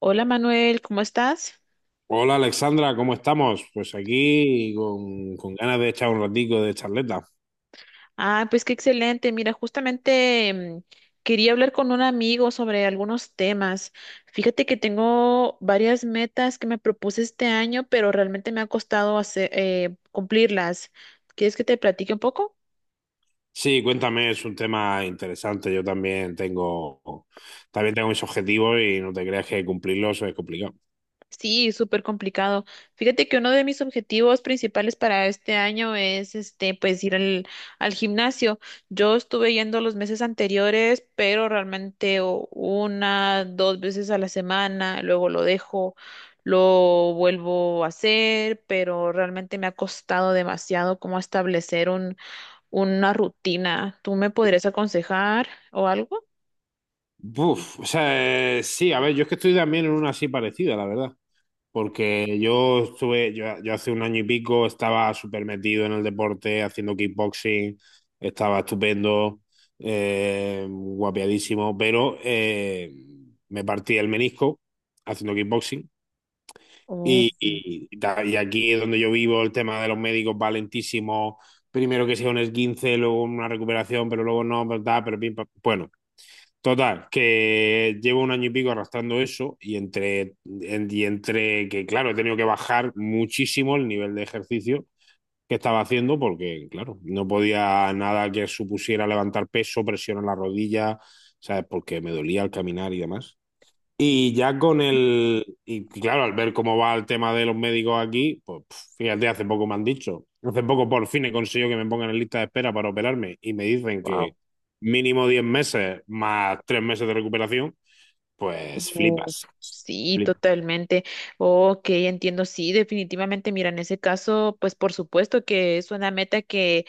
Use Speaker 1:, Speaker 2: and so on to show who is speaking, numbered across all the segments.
Speaker 1: Hola Manuel, ¿cómo estás?
Speaker 2: Hola Alexandra, ¿cómo estamos? Pues aquí con ganas de echar un ratico de charleta.
Speaker 1: Ah, pues qué excelente. Mira, justamente quería hablar con un amigo sobre algunos temas. Fíjate que tengo varias metas que me propuse este año, pero realmente me ha costado hacer, cumplirlas. ¿Quieres que te platique un poco?
Speaker 2: Sí, cuéntame, es un tema interesante. Yo también tengo mis objetivos y no te creas que cumplirlos es complicado.
Speaker 1: Sí, súper complicado. Fíjate que uno de mis objetivos principales para este año es este, pues ir al gimnasio. Yo estuve yendo los meses anteriores, pero realmente una, dos veces a la semana, luego lo dejo, lo vuelvo a hacer, pero realmente me ha costado demasiado como establecer una rutina. ¿Tú me podrías aconsejar o algo?
Speaker 2: Buf, o sea, sí, a ver, yo es que estoy también en una así parecida, la verdad. Porque yo hace un año y pico estaba súper metido en el deporte, haciendo kickboxing, estaba estupendo, guapiadísimo, pero me partí el menisco haciendo kickboxing.
Speaker 1: Oh,
Speaker 2: Y, y- y aquí es donde yo vivo, el tema de los médicos va lentísimo. Primero que sea un esguince, luego una recuperación, pero luego no, pero tal, pero pim, pam. Bueno, total, que llevo un año y pico arrastrando eso y entre que, claro, he tenido que bajar muchísimo el nivel de ejercicio que estaba haciendo porque, claro, no podía nada que supusiera levantar peso, presión en la rodilla, ¿sabes? Porque me dolía al caminar y demás. Y ya con el, y claro, al ver cómo va el tema de los médicos aquí, pues pf, fíjate, hace poco me han dicho, hace poco por fin he conseguido que me pongan en lista de espera para operarme y me dicen
Speaker 1: wow.
Speaker 2: que mínimo 10 meses más 3 meses de recuperación, pues
Speaker 1: Uf,
Speaker 2: flipas,
Speaker 1: sí, totalmente. Ok, entiendo, sí, definitivamente. Mira, en ese caso, pues por supuesto que es una meta que,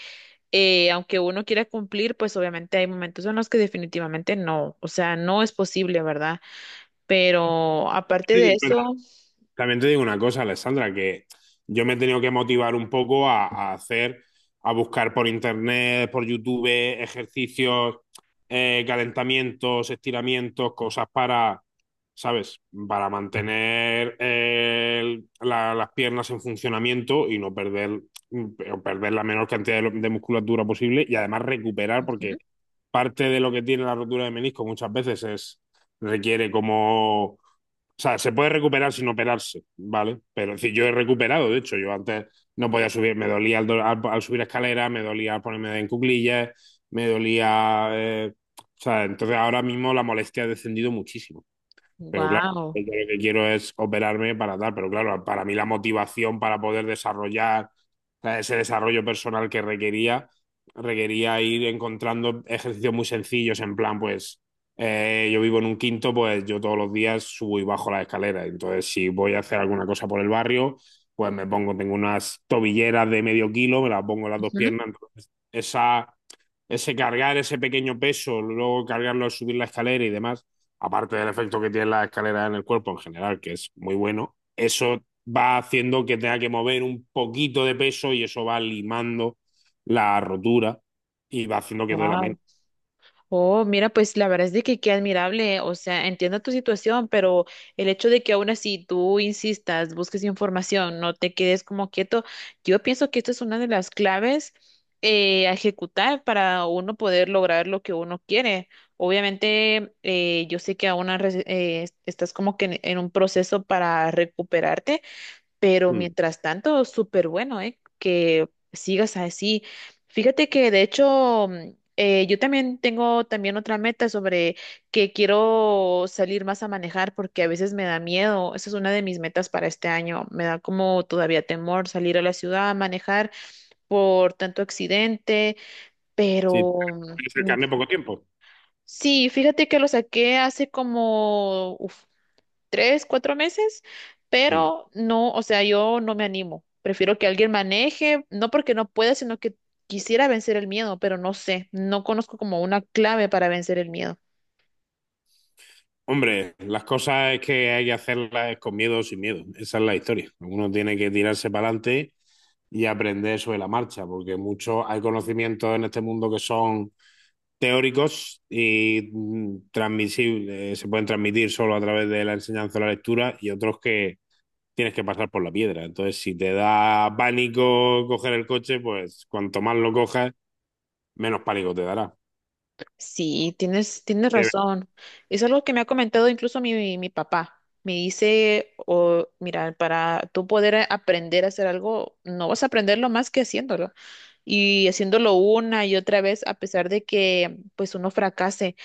Speaker 1: aunque uno quiera cumplir, pues obviamente hay momentos en los que definitivamente no, o sea, no es posible, ¿verdad? Pero aparte de
Speaker 2: flipas.
Speaker 1: eso,
Speaker 2: También te digo una cosa, Alessandra, que yo me he tenido que motivar un poco a hacer, a buscar por internet, por YouTube, ejercicios, calentamientos, estiramientos, cosas para, ¿sabes? Para mantener las piernas en funcionamiento y no perder la menor cantidad de musculatura posible y además recuperar, porque parte de lo que tiene la rotura de menisco muchas veces es, requiere como, o sea, se puede recuperar sin operarse, ¿vale? Pero es decir, yo he recuperado, de hecho, yo antes no podía subir, me dolía al subir escalera, me dolía al ponerme en cuclillas, me dolía, o sea, entonces ahora mismo la molestia ha descendido muchísimo. Pero claro,
Speaker 1: wow,
Speaker 2: yo lo que quiero es operarme para tal, pero claro, para mí la motivación para poder desarrollar, o sea, ese desarrollo personal que requería ir encontrando ejercicios muy sencillos, en plan, pues yo vivo en un quinto, pues yo todos los días subo y bajo la escalera, entonces si voy a hacer alguna cosa por el barrio, pues me pongo, tengo unas tobilleras de medio kilo, me las pongo en las dos piernas, entonces esa ese cargar ese pequeño peso, luego cargarlo al subir la escalera y demás, aparte del efecto que tiene la escalera en el cuerpo en general, que es muy bueno, eso va haciendo que tenga que mover un poquito de peso y eso va limando la rotura y va haciendo que duela
Speaker 1: wow.
Speaker 2: menos.
Speaker 1: Oh, mira, pues la verdad es de que qué admirable, o sea, entiendo tu situación, pero el hecho de que aún así tú insistas, busques información, no te quedes como quieto, yo pienso que esta es una de las claves a ejecutar para uno poder lograr lo que uno quiere. Obviamente, yo sé que aún estás como que en un proceso para recuperarte, pero
Speaker 2: Mm.
Speaker 1: mientras tanto, súper bueno, ¿eh? Que sigas así. Fíjate que de hecho, yo también tengo también otra meta sobre que quiero salir más a manejar porque a veces me da miedo. Esa es una de mis metas para este año. Me da como todavía temor salir a la ciudad a manejar por tanto accidente,
Speaker 2: Sí,
Speaker 1: pero
Speaker 2: tienes el
Speaker 1: mm,
Speaker 2: carne poco tiempo.
Speaker 1: sí, fíjate que lo saqué hace como, uf, tres, cuatro meses,
Speaker 2: Mm.
Speaker 1: pero no, o sea, yo no me animo. Prefiero que alguien maneje, no porque no pueda, sino que quisiera vencer el miedo, pero no sé, no conozco como una clave para vencer el miedo.
Speaker 2: Hombre, las cosas es que hay que hacerlas con miedo o sin miedo. Esa es la historia. Uno tiene que tirarse para adelante y aprender sobre la marcha, porque mucho hay conocimientos en este mundo que son teóricos y transmisibles, se pueden transmitir solo a través de la enseñanza o la lectura y otros que tienes que pasar por la piedra. Entonces, si te da pánico coger el coche, pues cuanto más lo cojas, menos pánico te dará.
Speaker 1: Sí, tienes razón. Es algo que me ha comentado incluso mi papá. Me dice, oh, mira, para tú poder aprender a hacer algo, no vas a aprenderlo más que haciéndolo. Y haciéndolo una y otra vez, a pesar de que pues uno fracase.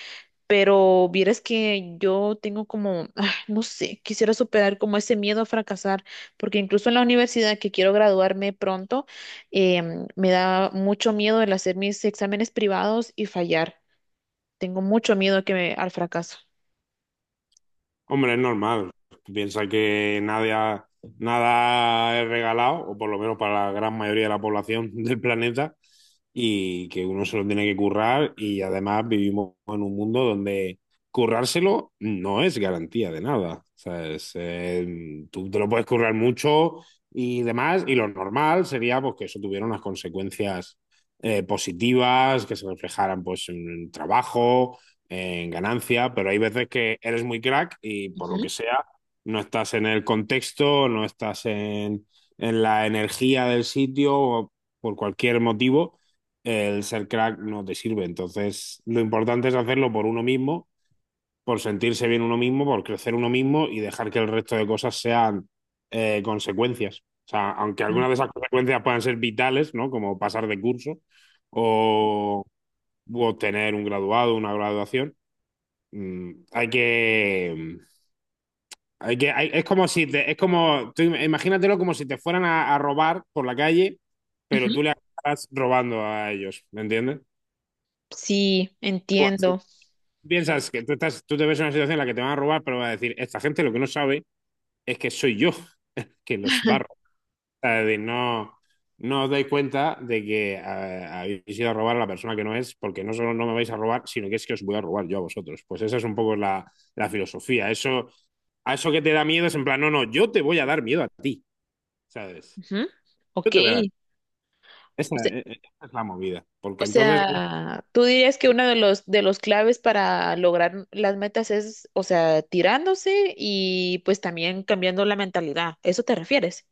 Speaker 1: Pero vieras que yo tengo como, ah, no sé, quisiera superar como ese miedo a fracasar, porque incluso en la universidad que quiero graduarme pronto, me da mucho miedo el hacer mis exámenes privados y fallar. Tengo mucho miedo al fracaso.
Speaker 2: Hombre, es normal. Piensa que nada, nada es regalado, o por lo menos para la gran mayoría de la población del planeta, y que uno se lo tiene que currar. Y además vivimos en un mundo donde currárselo no es garantía de nada. ¿Sabes? Tú te lo puedes currar mucho y demás, y lo normal sería, pues, que eso tuviera unas consecuencias positivas, que se reflejaran, pues, en el trabajo, en ganancia, pero hay veces que eres muy crack y por lo
Speaker 1: Ujú,
Speaker 2: que sea, no estás en el contexto, no estás en la energía del sitio o por cualquier motivo, el ser crack no te sirve. Entonces, lo importante es hacerlo por uno mismo, por sentirse bien uno mismo, por crecer uno mismo y dejar que el resto de cosas sean, consecuencias. O sea, aunque
Speaker 1: ujú,
Speaker 2: algunas de esas consecuencias puedan ser vitales, ¿no? Como pasar de curso o, o obtener un graduado, una graduación. Mm, hay que. mm, Hay que es como si te. Es como. Tú imagínatelo como si te fueran a robar por la calle, pero
Speaker 1: ujú.
Speaker 2: tú le estás robando a ellos. ¿Me entiendes?
Speaker 1: Sí,
Speaker 2: Algo así.
Speaker 1: entiendo.
Speaker 2: Piensas que tú estás, tú te ves en una situación en la que te van a robar, pero vas a decir, esta gente lo que no sabe es que soy yo que los barro. Es decir, no, no os dais cuenta de que habéis ido a robar a la persona que no es, porque no solo no me vais a robar, sino que es que os voy a robar yo a vosotros. Pues esa es un poco la filosofía. Eso, a eso que te da miedo es, en plan, no, no, yo te voy a dar miedo a ti, ¿sabes?
Speaker 1: Ujú.
Speaker 2: Yo
Speaker 1: Ok.
Speaker 2: te voy a dar. Esa,
Speaker 1: O sea,
Speaker 2: eh, eh, esa es la movida.
Speaker 1: O
Speaker 2: Porque entonces,
Speaker 1: sea, tú dirías que uno de los claves para lograr las metas es, o sea, tirándose y pues también cambiando la mentalidad. ¿Eso te refieres?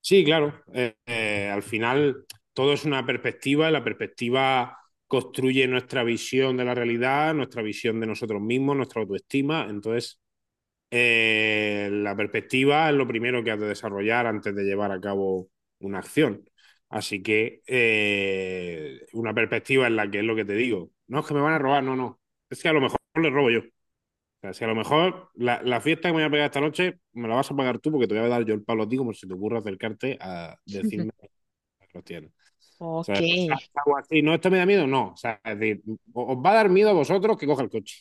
Speaker 2: sí, claro, al final todo es una perspectiva y la perspectiva construye nuestra visión de la realidad, nuestra visión de nosotros mismos, nuestra autoestima. Entonces, la perspectiva es lo primero que has de desarrollar antes de llevar a cabo una acción. Así que, una perspectiva en la que es lo que te digo. No es que me van a robar, no, no. Es que a lo mejor le robo yo. O sea, si a lo mejor la fiesta que me voy a pegar esta noche me la vas a pagar tú porque te voy a dar yo el palo a ti como si te ocurra acercarte a
Speaker 1: Ujú.
Speaker 2: decirme que los tienes.
Speaker 1: Ok.
Speaker 2: ¿Sabes? Pues algo así. No, esto me da miedo, no. O sea, es decir, os va a dar miedo a vosotros que coja el coche.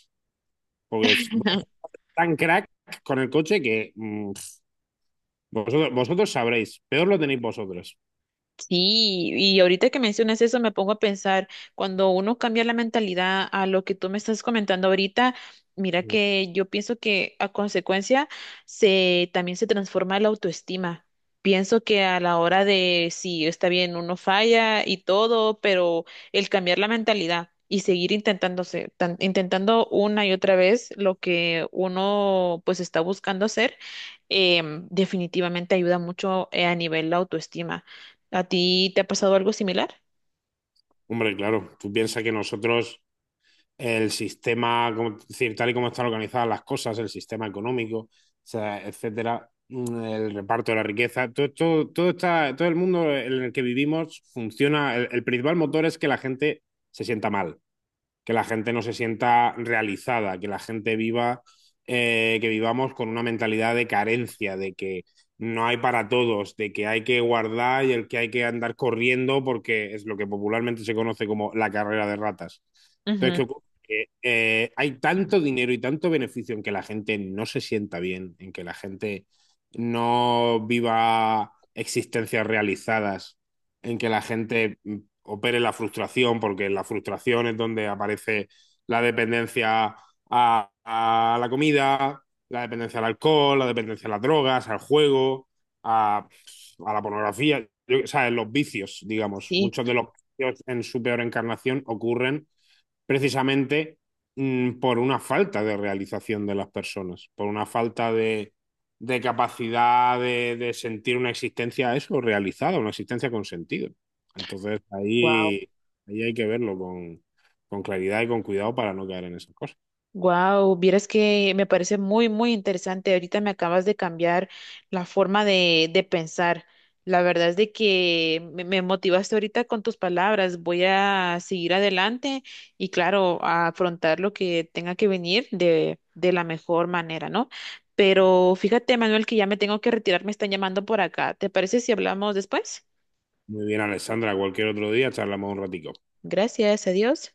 Speaker 2: Porque es tan crack con el coche que vosotros sabréis, peor lo tenéis vosotros.
Speaker 1: Sí, y ahorita que mencionas eso me pongo a pensar, cuando uno cambia la mentalidad a lo que tú me estás comentando ahorita, mira que yo pienso que a consecuencia se también se transforma la autoestima. Pienso que a la hora de sí, está bien, uno falla y todo, pero el cambiar la mentalidad y seguir intentándose, intentando una y otra vez lo que uno pues está buscando hacer, definitivamente ayuda mucho a nivel la autoestima. ¿A ti te ha pasado algo similar?
Speaker 2: Hombre, claro, tú piensas que nosotros, el sistema, como, es decir, tal y como están organizadas las cosas, el sistema económico, o sea, etcétera, el reparto de la riqueza, todo, todo, todo, todo el mundo en el que vivimos funciona. El principal motor es que la gente se sienta mal, que la gente no se sienta realizada, que la gente viva, que vivamos con una mentalidad de carencia, de que no hay para todos, de que hay que guardar y el que hay que andar corriendo porque es lo que popularmente se conoce como la carrera de ratas. Entonces,
Speaker 1: Ujú.
Speaker 2: ¿qué ocurre? Que, hay tanto dinero y tanto beneficio en que la gente no se sienta bien, en que la gente no viva existencias realizadas, en que la gente opere la frustración, porque en la frustración es donde aparece la dependencia a la comida, la dependencia al alcohol, la dependencia a las drogas, al juego, a, a la pornografía, o sea, los vicios, digamos.
Speaker 1: Sí.
Speaker 2: Muchos de los vicios en su peor encarnación ocurren precisamente, por una falta de realización de las personas, por una falta de capacidad de sentir una existencia eso realizada, una existencia con sentido. Entonces
Speaker 1: Wow.
Speaker 2: ahí, hay que verlo con claridad y con cuidado para no caer en esas cosas.
Speaker 1: Wow, vieras que me parece muy, muy interesante. Ahorita me acabas de cambiar la forma de pensar. La verdad es de que me motivaste ahorita con tus palabras. Voy a seguir adelante y claro, a afrontar lo que tenga que venir de la mejor manera, ¿no? Pero fíjate, Manuel, que ya me tengo que retirar, me están llamando por acá. ¿Te parece si hablamos después?
Speaker 2: Muy bien, Alessandra, cualquier otro día charlamos un ratico.
Speaker 1: Gracias a Dios.